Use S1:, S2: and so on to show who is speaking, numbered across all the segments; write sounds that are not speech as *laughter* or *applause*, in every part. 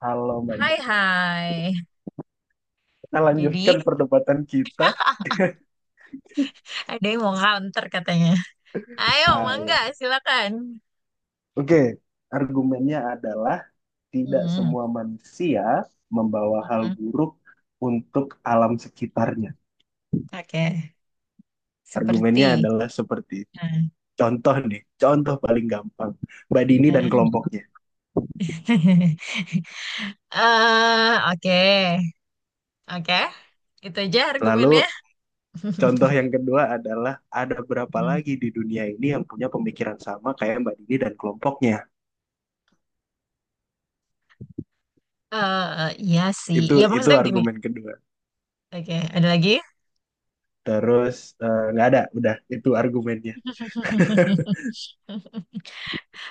S1: Halo Mbak
S2: Hai
S1: Dini.
S2: hai.
S1: Kita
S2: Jadi
S1: lanjutkan perdebatan kita.
S2: ada yang mau counter katanya. Ayo,
S1: Ah, ya.
S2: mangga, silakan.
S1: Oke, argumennya adalah tidak
S2: Hmm,
S1: semua manusia membawa hal
S2: hmm.
S1: buruk untuk alam sekitarnya.
S2: Oke. Seperti.
S1: Argumennya adalah seperti itu.
S2: Hmm,
S1: Contoh nih, contoh paling gampang. Mbak Dini dan
S2: hmm.
S1: kelompoknya.
S2: *laughs* Eh, oke. Oke. Itu aja argumennya.
S1: Lalu
S2: *laughs*
S1: contoh yang kedua adalah ada berapa lagi di dunia ini yang punya pemikiran sama kayak Mbak Dini dan kelompoknya.
S2: Iya sih.
S1: Itu
S2: Ya
S1: itu
S2: maksudnya gini.
S1: argumen kedua.
S2: Oke, ada lagi?
S1: Terus nggak ada, udah itu argumennya.
S2: *laughs*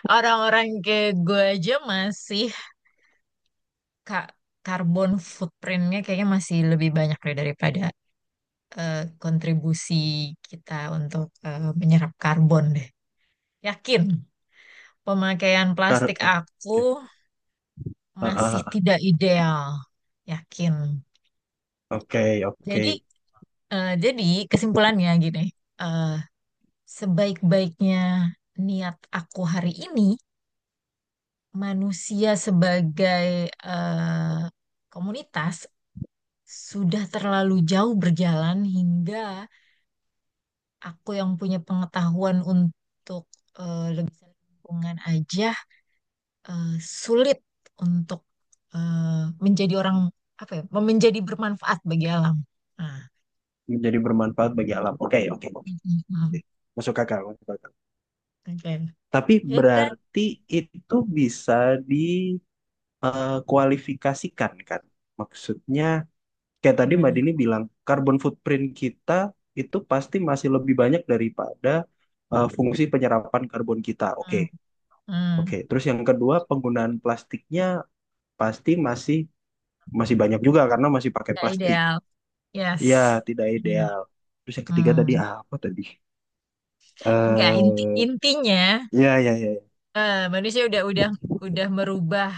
S2: Orang-orang kayak gue aja masih kak karbon footprintnya kayaknya masih lebih banyak deh daripada eh, kontribusi kita untuk menyerap karbon deh. Yakin, pemakaian
S1: Tar-
S2: plastik
S1: eh,
S2: aku
S1: Oke. Ah,
S2: masih
S1: ah, ah.
S2: tidak ideal. Yakin.
S1: Oke, oke.
S2: Jadi, jadi, kesimpulannya gini, eh, sebaik-baiknya niat aku hari ini, manusia sebagai eh, komunitas sudah terlalu jauh berjalan hingga aku yang punya pengetahuan untuk lebih lingkungan aja eh, sulit untuk eh, menjadi orang apa ya, menjadi bermanfaat bagi alam. Nah,
S1: Menjadi bermanfaat bagi alam. Oke, oke, oke, oke.
S2: mm, mm, mm.
S1: Masuk akal, masuk akal.
S2: Oke.
S1: Tapi
S2: Ya kan?
S1: berarti itu bisa dikualifikasikan, kan? Maksudnya, kayak tadi Mbak
S2: Gimana?
S1: Dini bilang, carbon footprint kita itu pasti masih lebih banyak daripada fungsi penyerapan karbon kita. Oke,
S2: Hmm, hmm.
S1: oke. Terus yang kedua, penggunaan plastiknya pasti masih masih banyak juga karena masih pakai
S2: Nggak
S1: plastik.
S2: ideal. Yes.
S1: Iya, tidak
S2: Iya.
S1: ideal. Terus yang ketiga tadi
S2: Hmm.
S1: apa tadi?
S2: Nggak, inti
S1: Eh,
S2: intinya
S1: ya, ya, ya, ya.
S2: manusia udah merubah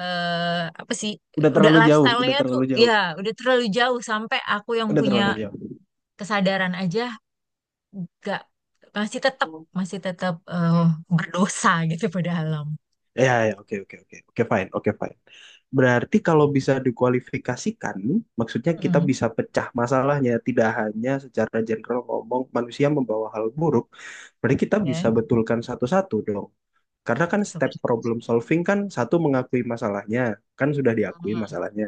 S2: eh apa sih,
S1: Udah
S2: udah
S1: terlalu jauh, udah
S2: lifestyle-nya tuh
S1: terlalu
S2: ya
S1: jauh,
S2: udah terlalu jauh sampai aku yang
S1: udah
S2: punya
S1: terlalu jauh.
S2: kesadaran aja gak masih tetap masih tetap berdosa gitu *laughs* pada alam.
S1: Ya, ya, oke, oke, oke, oke, fine, oke, fine. Berarti kalau bisa dikualifikasikan, maksudnya kita
S2: Mm-mm.
S1: bisa pecah masalahnya, tidak hanya secara general ngomong manusia membawa hal buruk, berarti kita bisa
S2: Ya,
S1: betulkan satu-satu dong. Karena kan step
S2: seperti
S1: problem solving kan satu mengakui masalahnya, kan sudah diakui
S2: mm,
S1: masalahnya.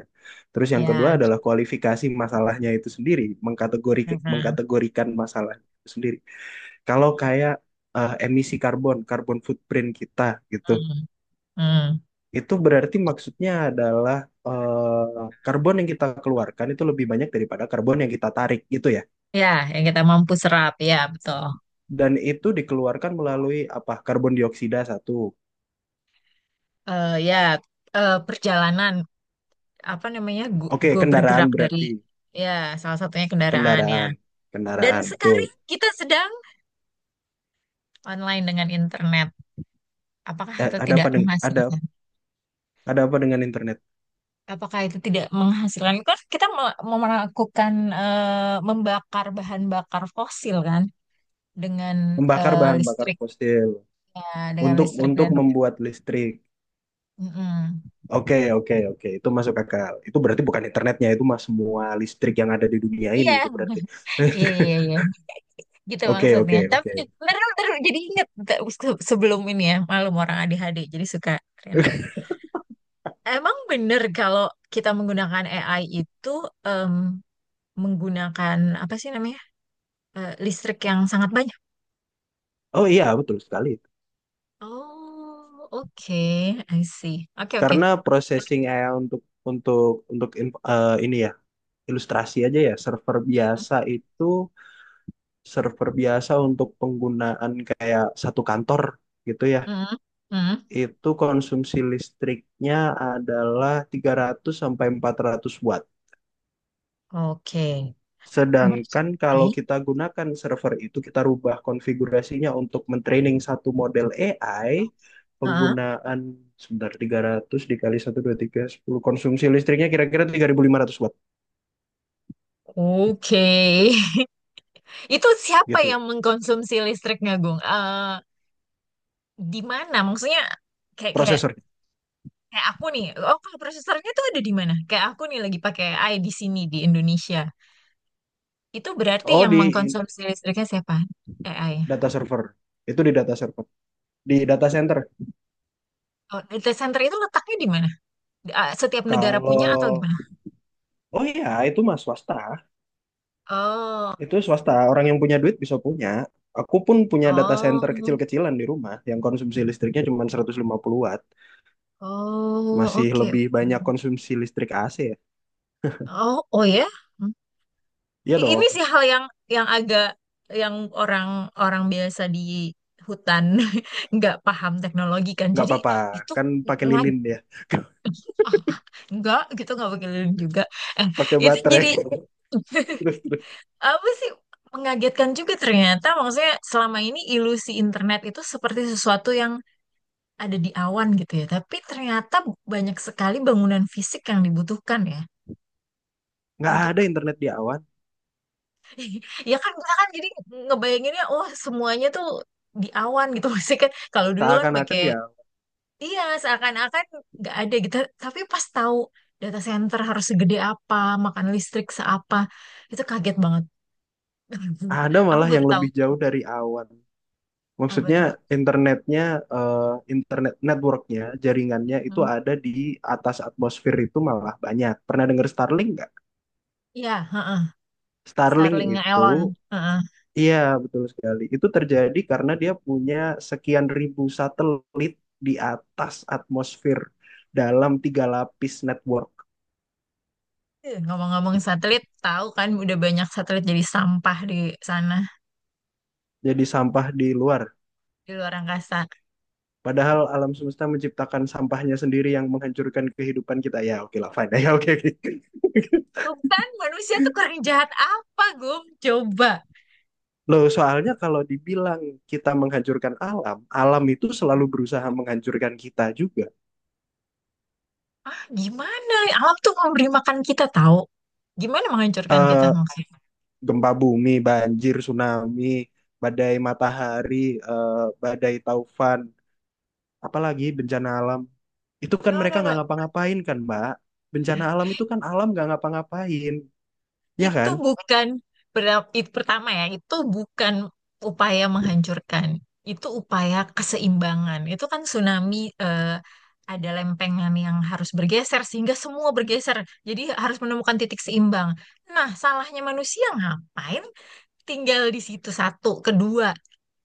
S1: Terus yang kedua
S2: ya.
S1: adalah kualifikasi masalahnya itu sendiri,
S2: Mm-mm.
S1: mengkategorikan masalahnya itu sendiri. Kalau kayak emisi karbon, karbon footprint kita gitu,
S2: Mm-mm. Mm.
S1: itu berarti maksudnya adalah karbon yang kita keluarkan itu lebih banyak daripada karbon yang kita tarik gitu ya.
S2: Ya, yang kita mampu serap, ya betul.
S1: Dan itu dikeluarkan melalui apa? Karbon dioksida satu.
S2: Ya, perjalanan apa namanya,
S1: Oke,
S2: gue
S1: kendaraan
S2: bergerak dari
S1: berarti
S2: ya salah satunya kendaraannya.
S1: kendaraan,
S2: Dan
S1: kendaraan betul.
S2: sekarang kita sedang online dengan internet. Apakah
S1: eh,
S2: itu
S1: ada
S2: tidak
S1: apa dengan ada
S2: menghasilkan?
S1: ada apa dengan internet?
S2: Apakah itu tidak menghasilkan? Kan kita melakukan, membakar bahan bakar fosil kan, dengan
S1: Membakar bahan bakar
S2: listriknya,
S1: fosil
S2: dengan
S1: untuk
S2: listrik
S1: untuk
S2: dan.
S1: membuat listrik.
S2: Mm-mm.
S1: Oke, oke, oke. Itu masuk akal. Itu berarti bukan internetnya, itu mah semua listrik yang ada di dunia ini
S2: Iya,
S1: itu berarti.
S2: iya,
S1: *laughs*
S2: iya, iya, iya. Gitu
S1: Oke,
S2: maksudnya.
S1: oke,
S2: Tapi
S1: oke.
S2: bener bener jadi inget nggak, sebelum ini ya, malum orang ADHD jadi suka random.
S1: *laughs*
S2: Emang bener kalau kita menggunakan AI itu em, menggunakan apa sih namanya? Listrik yang sangat banyak.
S1: Oh iya, betul sekali.
S2: Oh, oke, I see. Oke, oke.
S1: Karena processing AI untuk ini ya, ilustrasi aja ya, server biasa itu server biasa untuk penggunaan kayak satu kantor gitu ya.
S2: Hmm, hmm.
S1: Itu konsumsi listriknya adalah 300 sampai 400 watt.
S2: Oke. Berarti,
S1: Sedangkan kalau kita gunakan server itu, kita rubah konfigurasinya untuk mentraining satu model AI,
S2: ah,
S1: penggunaan sebentar 300 dikali 1 2 3 10 konsumsi listriknya kira-kira 3.500 watt
S2: oke. *laughs* Itu siapa
S1: gitu.
S2: yang mengkonsumsi listriknya, Gung? Di mana? Maksudnya kayak kayak
S1: Prosesor.
S2: kayak aku nih. Oh, kalau prosesornya tuh ada di mana? Kayak aku nih lagi pakai AI di sini di Indonesia. Itu berarti
S1: Oh,
S2: yang
S1: di
S2: mengkonsumsi listriknya siapa? AI.
S1: data server. Itu di data server. Di data center.
S2: Oh, data center itu letaknya di mana? Setiap negara punya atau
S1: Kalau,
S2: gimana?
S1: oh iya, itu mah swasta.
S2: Oh,
S1: Itu
S2: I
S1: swasta,
S2: see.
S1: orang yang punya duit bisa punya. Aku pun punya data center
S2: Oh,
S1: kecil-kecilan di rumah yang konsumsi listriknya cuma 150 watt.
S2: oh,
S1: Masih
S2: oke, oke.
S1: lebih banyak konsumsi listrik AC ya.
S2: Oh, oh ya. Hmm.
S1: Iya
S2: Ini
S1: dong,
S2: sih hal yang agak yang orang-orang biasa di hutan *laughs* nggak paham teknologi kan.
S1: nggak
S2: Jadi
S1: apa-apa.
S2: itu
S1: Kan pakai
S2: ngag-
S1: lilin dia,
S2: ah, ah, *laughs* nggak gitu, nggak pakai lilin juga. Eh,
S1: pakai
S2: itu
S1: baterai.
S2: jadi
S1: *laughs* Terus,
S2: *laughs*
S1: terus.
S2: apa sih, mengagetkan juga ternyata. Maksudnya selama ini ilusi internet itu seperti sesuatu yang ada di awan gitu ya. Tapi ternyata banyak sekali bangunan fisik yang dibutuhkan ya
S1: Nggak ada
S2: untuk.
S1: internet di awan.
S2: *laughs* Ya kan kita kan jadi ngebayanginnya wah semuanya tuh di awan gitu, *laughs* masih kan kalau dulu kan
S1: Seakan-akan
S2: pakai,
S1: ya
S2: iya seakan-akan nggak ada gitu, tapi pas tahu data center harus segede apa, makan listrik seapa, itu kaget banget,
S1: ada
S2: *laughs* aku
S1: malah
S2: baru
S1: yang
S2: tahu
S1: lebih jauh dari awan.
S2: apa
S1: Maksudnya
S2: tuh.
S1: internetnya, eh, internet networknya, jaringannya itu
S2: Hmm.
S1: ada di atas atmosfer itu malah banyak. Pernah dengar Starlink nggak?
S2: Iya, heeh.
S1: Starlink
S2: Starlinknya
S1: itu,
S2: Elon. Heeh.
S1: iya, betul sekali. Itu terjadi karena dia punya sekian ribu satelit di atas atmosfer dalam 3 lapis network.
S2: Ngomong-ngomong satelit, tahu kan udah banyak satelit jadi sampah di sana,
S1: Jadi sampah di luar.
S2: di luar angkasa.
S1: Padahal alam semesta menciptakan sampahnya sendiri yang menghancurkan kehidupan kita. Ya, oke lah, fine. *laughs* Ya, oke, oke.
S2: Tuh kan manusia tuh kurang jahat apa, Gum? Coba.
S1: Loh, soalnya kalau dibilang kita menghancurkan alam, alam itu selalu berusaha menghancurkan kita juga.
S2: Gimana? Alam tuh memberi makan kita tahu. Gimana menghancurkan kita
S1: Eh,
S2: maksudnya?
S1: Gempa bumi, banjir, tsunami, badai matahari, badai taufan, apalagi bencana alam. Itu kan
S2: No,
S1: mereka
S2: no,
S1: nggak
S2: no.
S1: ngapa-ngapain kan, Mbak. Bencana alam itu kan alam nggak ngapa-ngapain, ya
S2: Itu
S1: kan?
S2: bukan itu pertama ya, itu bukan upaya menghancurkan. Itu upaya keseimbangan. Itu kan tsunami, ada lempengan yang harus bergeser sehingga semua bergeser. Jadi harus menemukan titik seimbang. Nah, salahnya manusia ngapain? Tinggal di situ satu, kedua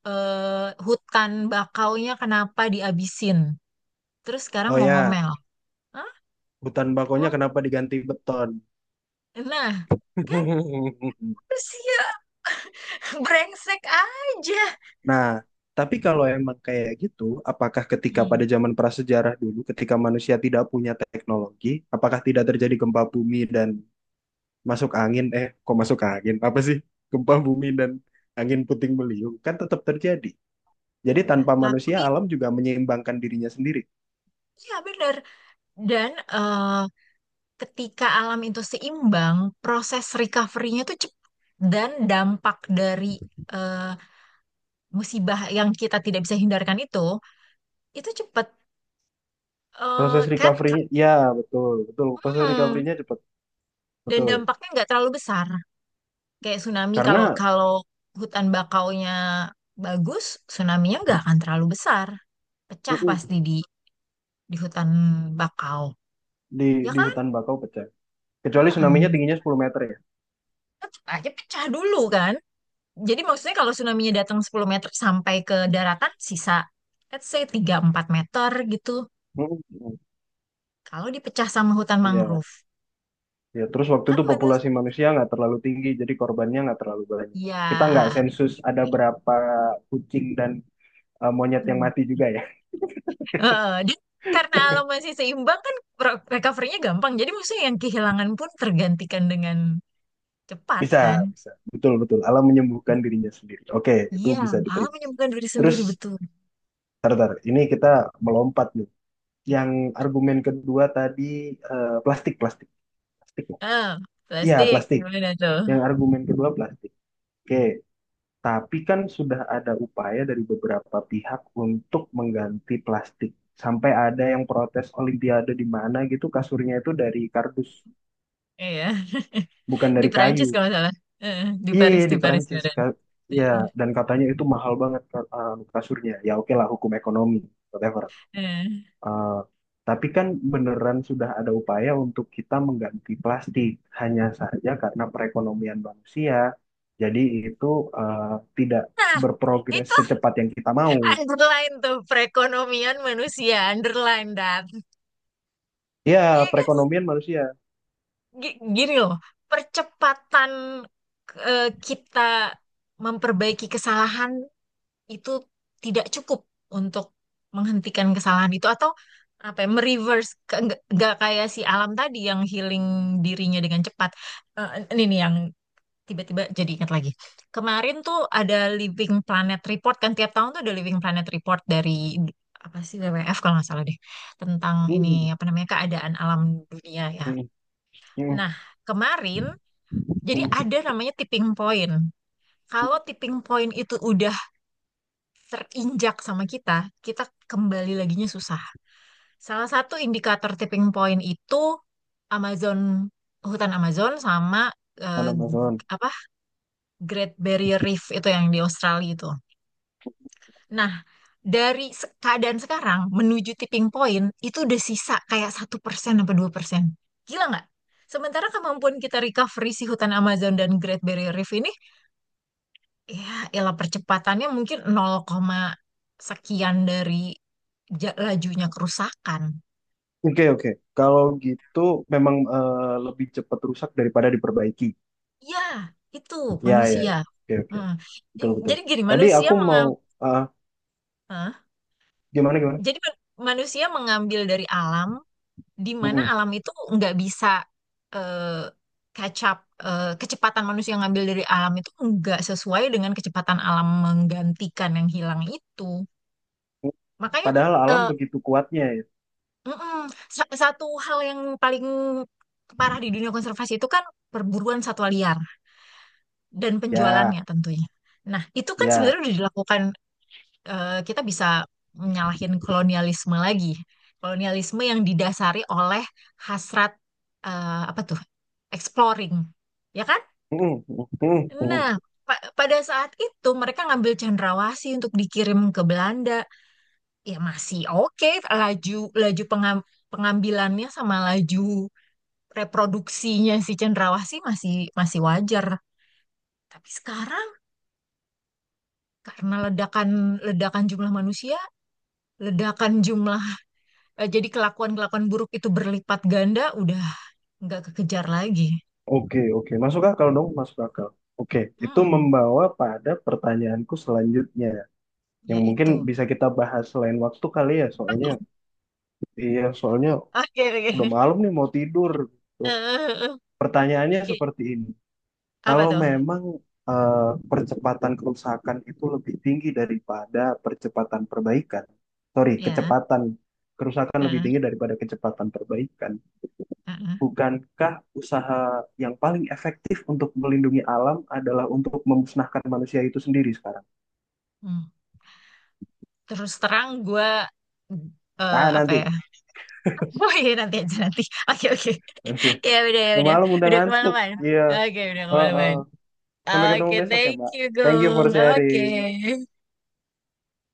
S2: hutan bakaunya kenapa diabisin? Terus sekarang
S1: Oh
S2: mau
S1: ya,
S2: ngomel. Hah?
S1: hutan bakonya
S2: Emang?
S1: kenapa diganti beton?
S2: Nah. Kan
S1: *laughs*
S2: manusia *laughs* brengsek aja.
S1: Nah, tapi kalau emang kayak gitu, apakah ketika
S2: Hmm.
S1: pada zaman prasejarah dulu, ketika manusia tidak punya teknologi, apakah tidak terjadi gempa bumi dan masuk angin? Eh, kok masuk angin? Apa sih? Gempa bumi dan angin puting beliung kan tetap terjadi. Jadi
S2: Nah,
S1: tanpa manusia,
S2: tapi
S1: alam juga menyeimbangkan dirinya sendiri.
S2: ya benar. Dan ketika alam itu seimbang, proses recovery-nya itu cepat. Dan dampak dari eh, musibah yang kita tidak bisa hindarkan itu cepat.
S1: Proses
S2: Kan?
S1: recovery-nya, ya betul, betul. Proses
S2: Hmm.
S1: recovery-nya cepat,
S2: Dan
S1: betul.
S2: dampaknya nggak terlalu besar. Kayak tsunami, kalau
S1: Karena
S2: kalau hutan bakaunya bagus, tsunami-nya nggak akan terlalu besar. Pecah
S1: mm-mm,
S2: pasti di hutan bakau,
S1: di
S2: ya
S1: di
S2: kan.
S1: hutan bakau pecah. Kecuali tsunami-nya
S2: Mm-mm.
S1: tingginya 10 meter ya.
S2: Tetap aja pecah dulu kan, jadi maksudnya kalau tsunami-nya datang 10 meter sampai ke daratan sisa let's say 3-4 meter gitu,
S1: Mm-mm.
S2: kalau dipecah sama hutan
S1: Iya,
S2: mangrove,
S1: ya. Terus waktu
S2: kan
S1: itu
S2: menurut
S1: populasi
S2: saya,
S1: manusia nggak terlalu tinggi, jadi korbannya nggak terlalu banyak.
S2: ya
S1: Kita nggak
S2: itu
S1: sensus ada
S2: juga.
S1: berapa kucing dan monyet yang
S2: Hmm.
S1: mati juga ya.
S2: Heeh, dia karena alam masih seimbang kan recovery-nya gampang, jadi maksudnya yang kehilangan pun tergantikan dengan
S1: *laughs*
S2: cepat
S1: Bisa,
S2: kan,
S1: bisa. Betul, betul. Alam menyembuhkan dirinya sendiri. Oke, itu
S2: iya,
S1: bisa
S2: alam
S1: diterima.
S2: menyembuhkan diri
S1: Terus,
S2: sendiri betul.
S1: tar, tar, ini kita melompat nih. Yang argumen kedua tadi plastik, plastik. Plastik ya?
S2: eh
S1: Iya,
S2: Plastik
S1: plastik.
S2: gimana tuh?
S1: Yang argumen kedua plastik. Oke, tapi kan sudah ada upaya dari beberapa pihak untuk mengganti plastik. Sampai ada yang protes Olimpiade di mana gitu kasurnya itu dari kardus,
S2: Iya. *laughs*
S1: bukan
S2: Di
S1: dari
S2: Perancis
S1: kayu.
S2: kalau nggak salah. Eh,
S1: Iya, iya,
S2: Di
S1: di
S2: Paris
S1: Perancis.
S2: beneran.
S1: Iya, dan katanya itu mahal banget kasurnya. Ya oke lah, hukum ekonomi, whatever.
S2: Eh.
S1: Eh, tapi kan beneran sudah ada upaya untuk kita mengganti plastik. Hanya saja karena perekonomian manusia, jadi itu eh, tidak
S2: Nah,
S1: berprogres
S2: itu
S1: secepat yang kita mau.
S2: underline tuh perekonomian manusia, underline that. Iya
S1: Ya,
S2: kan?
S1: perekonomian manusia.
S2: Gini loh, percepatan kita memperbaiki kesalahan itu tidak cukup untuk menghentikan kesalahan itu, atau apa ya, mereverse, nggak kayak si alam tadi yang healing dirinya dengan cepat. Eh, ini nih yang. Tiba-tiba jadi ingat lagi. Kemarin tuh ada Living Planet Report, kan tiap tahun tuh ada Living Planet Report dari apa sih WWF kalau nggak salah deh, tentang
S1: Mhm,
S2: ini apa namanya keadaan alam dunia ya.
S1: mhm, mhm,
S2: Nah, kemarin jadi
S1: mhm.
S2: ada namanya tipping point. Kalau tipping point itu udah terinjak sama kita, kita kembali laginya susah. Salah satu indikator tipping point itu Amazon, hutan Amazon sama eh,
S1: Tanam Amazon.
S2: apa, Great Barrier Reef itu yang di Australia itu. Nah, dari keadaan sekarang menuju tipping point itu udah sisa kayak 1% apa 2%. Gila nggak? Sementara kemampuan kita recovery si hutan Amazon dan Great Barrier Reef ini, ya elah, percepatannya mungkin 0, sekian dari lajunya kerusakan.
S1: Oke, oke. Kalau gitu memang lebih cepat rusak daripada diperbaiki.
S2: Ya, itu
S1: Ya, ya, ya.
S2: manusia.
S1: Oke, oke.
S2: Mm.
S1: Betul, betul.
S2: Jadi gini,
S1: Tadi
S2: manusia
S1: aku mau
S2: mengambil,
S1: eh, gimana gimana?
S2: jadi manusia mengambil dari alam di mana
S1: Mhm.
S2: alam itu nggak bisa eh, catch, kecepatan manusia ngambil dari alam itu nggak sesuai dengan kecepatan alam menggantikan yang hilang itu. Makanya
S1: Padahal alam
S2: eh,
S1: begitu kuatnya ya.
S2: mm-mm, satu hal yang paling parah di dunia konservasi itu kan perburuan satwa liar dan
S1: Ya,
S2: penjualannya tentunya. Nah, itu kan sebenarnya
S1: ya.
S2: udah dilakukan. Kita bisa menyalahin kolonialisme lagi. Kolonialisme yang didasari oleh hasrat, apa tuh? Exploring, ya kan?
S1: Mm, mm, mm,
S2: Nah,
S1: mm.
S2: pada saat itu mereka ngambil cendrawasih untuk dikirim ke Belanda. Ya masih oke, laju laju pengambilannya sama laju reproduksinya si cendrawasih masih masih wajar. Tapi sekarang karena ledakan ledakan jumlah manusia, ledakan jumlah. Jadi kelakuan-kelakuan buruk itu berlipat ganda, udah nggak kekejar lagi.
S1: Oke, oke. Masuk akal dong, masuk akal. Oke, itu
S2: Hmm,
S1: membawa pada pertanyaanku selanjutnya.
S2: ya
S1: Yang mungkin
S2: itu.
S1: bisa kita bahas selain waktu kali ya, soalnya
S2: *laughs*
S1: iya, soalnya
S2: Oke,
S1: udah
S2: oke.
S1: malam nih mau tidur. Tuh.
S2: Eh,
S1: Pertanyaannya
S2: oke,
S1: seperti ini.
S2: apa
S1: Kalau
S2: tuh?
S1: memang eh, percepatan kerusakan itu lebih tinggi daripada percepatan perbaikan. Sorry,
S2: Ya.
S1: kecepatan kerusakan lebih
S2: eh,
S1: tinggi daripada kecepatan perbaikan.
S2: eh, eh.
S1: Bukankah usaha yang paling efektif untuk melindungi alam adalah untuk memusnahkan manusia itu sendiri sekarang?
S2: Hmm. Terus terang gue
S1: Nah,
S2: apa ya?
S1: nanti,
S2: *laughs* Oh iya, nanti aja, nanti. Oke, oke.
S1: nanti.
S2: *laughs* Ya udah, ya
S1: Udah
S2: udah.
S1: malam, udah
S2: Udah
S1: ngantuk.
S2: kemalaman.
S1: Iya.
S2: Oke, udah
S1: Heeh.
S2: kemalaman.
S1: Sampai ketemu
S2: Oke,
S1: besok ya,
S2: thank
S1: Mbak.
S2: you,
S1: Thank you for
S2: Gung.
S1: sharing.
S2: Oke.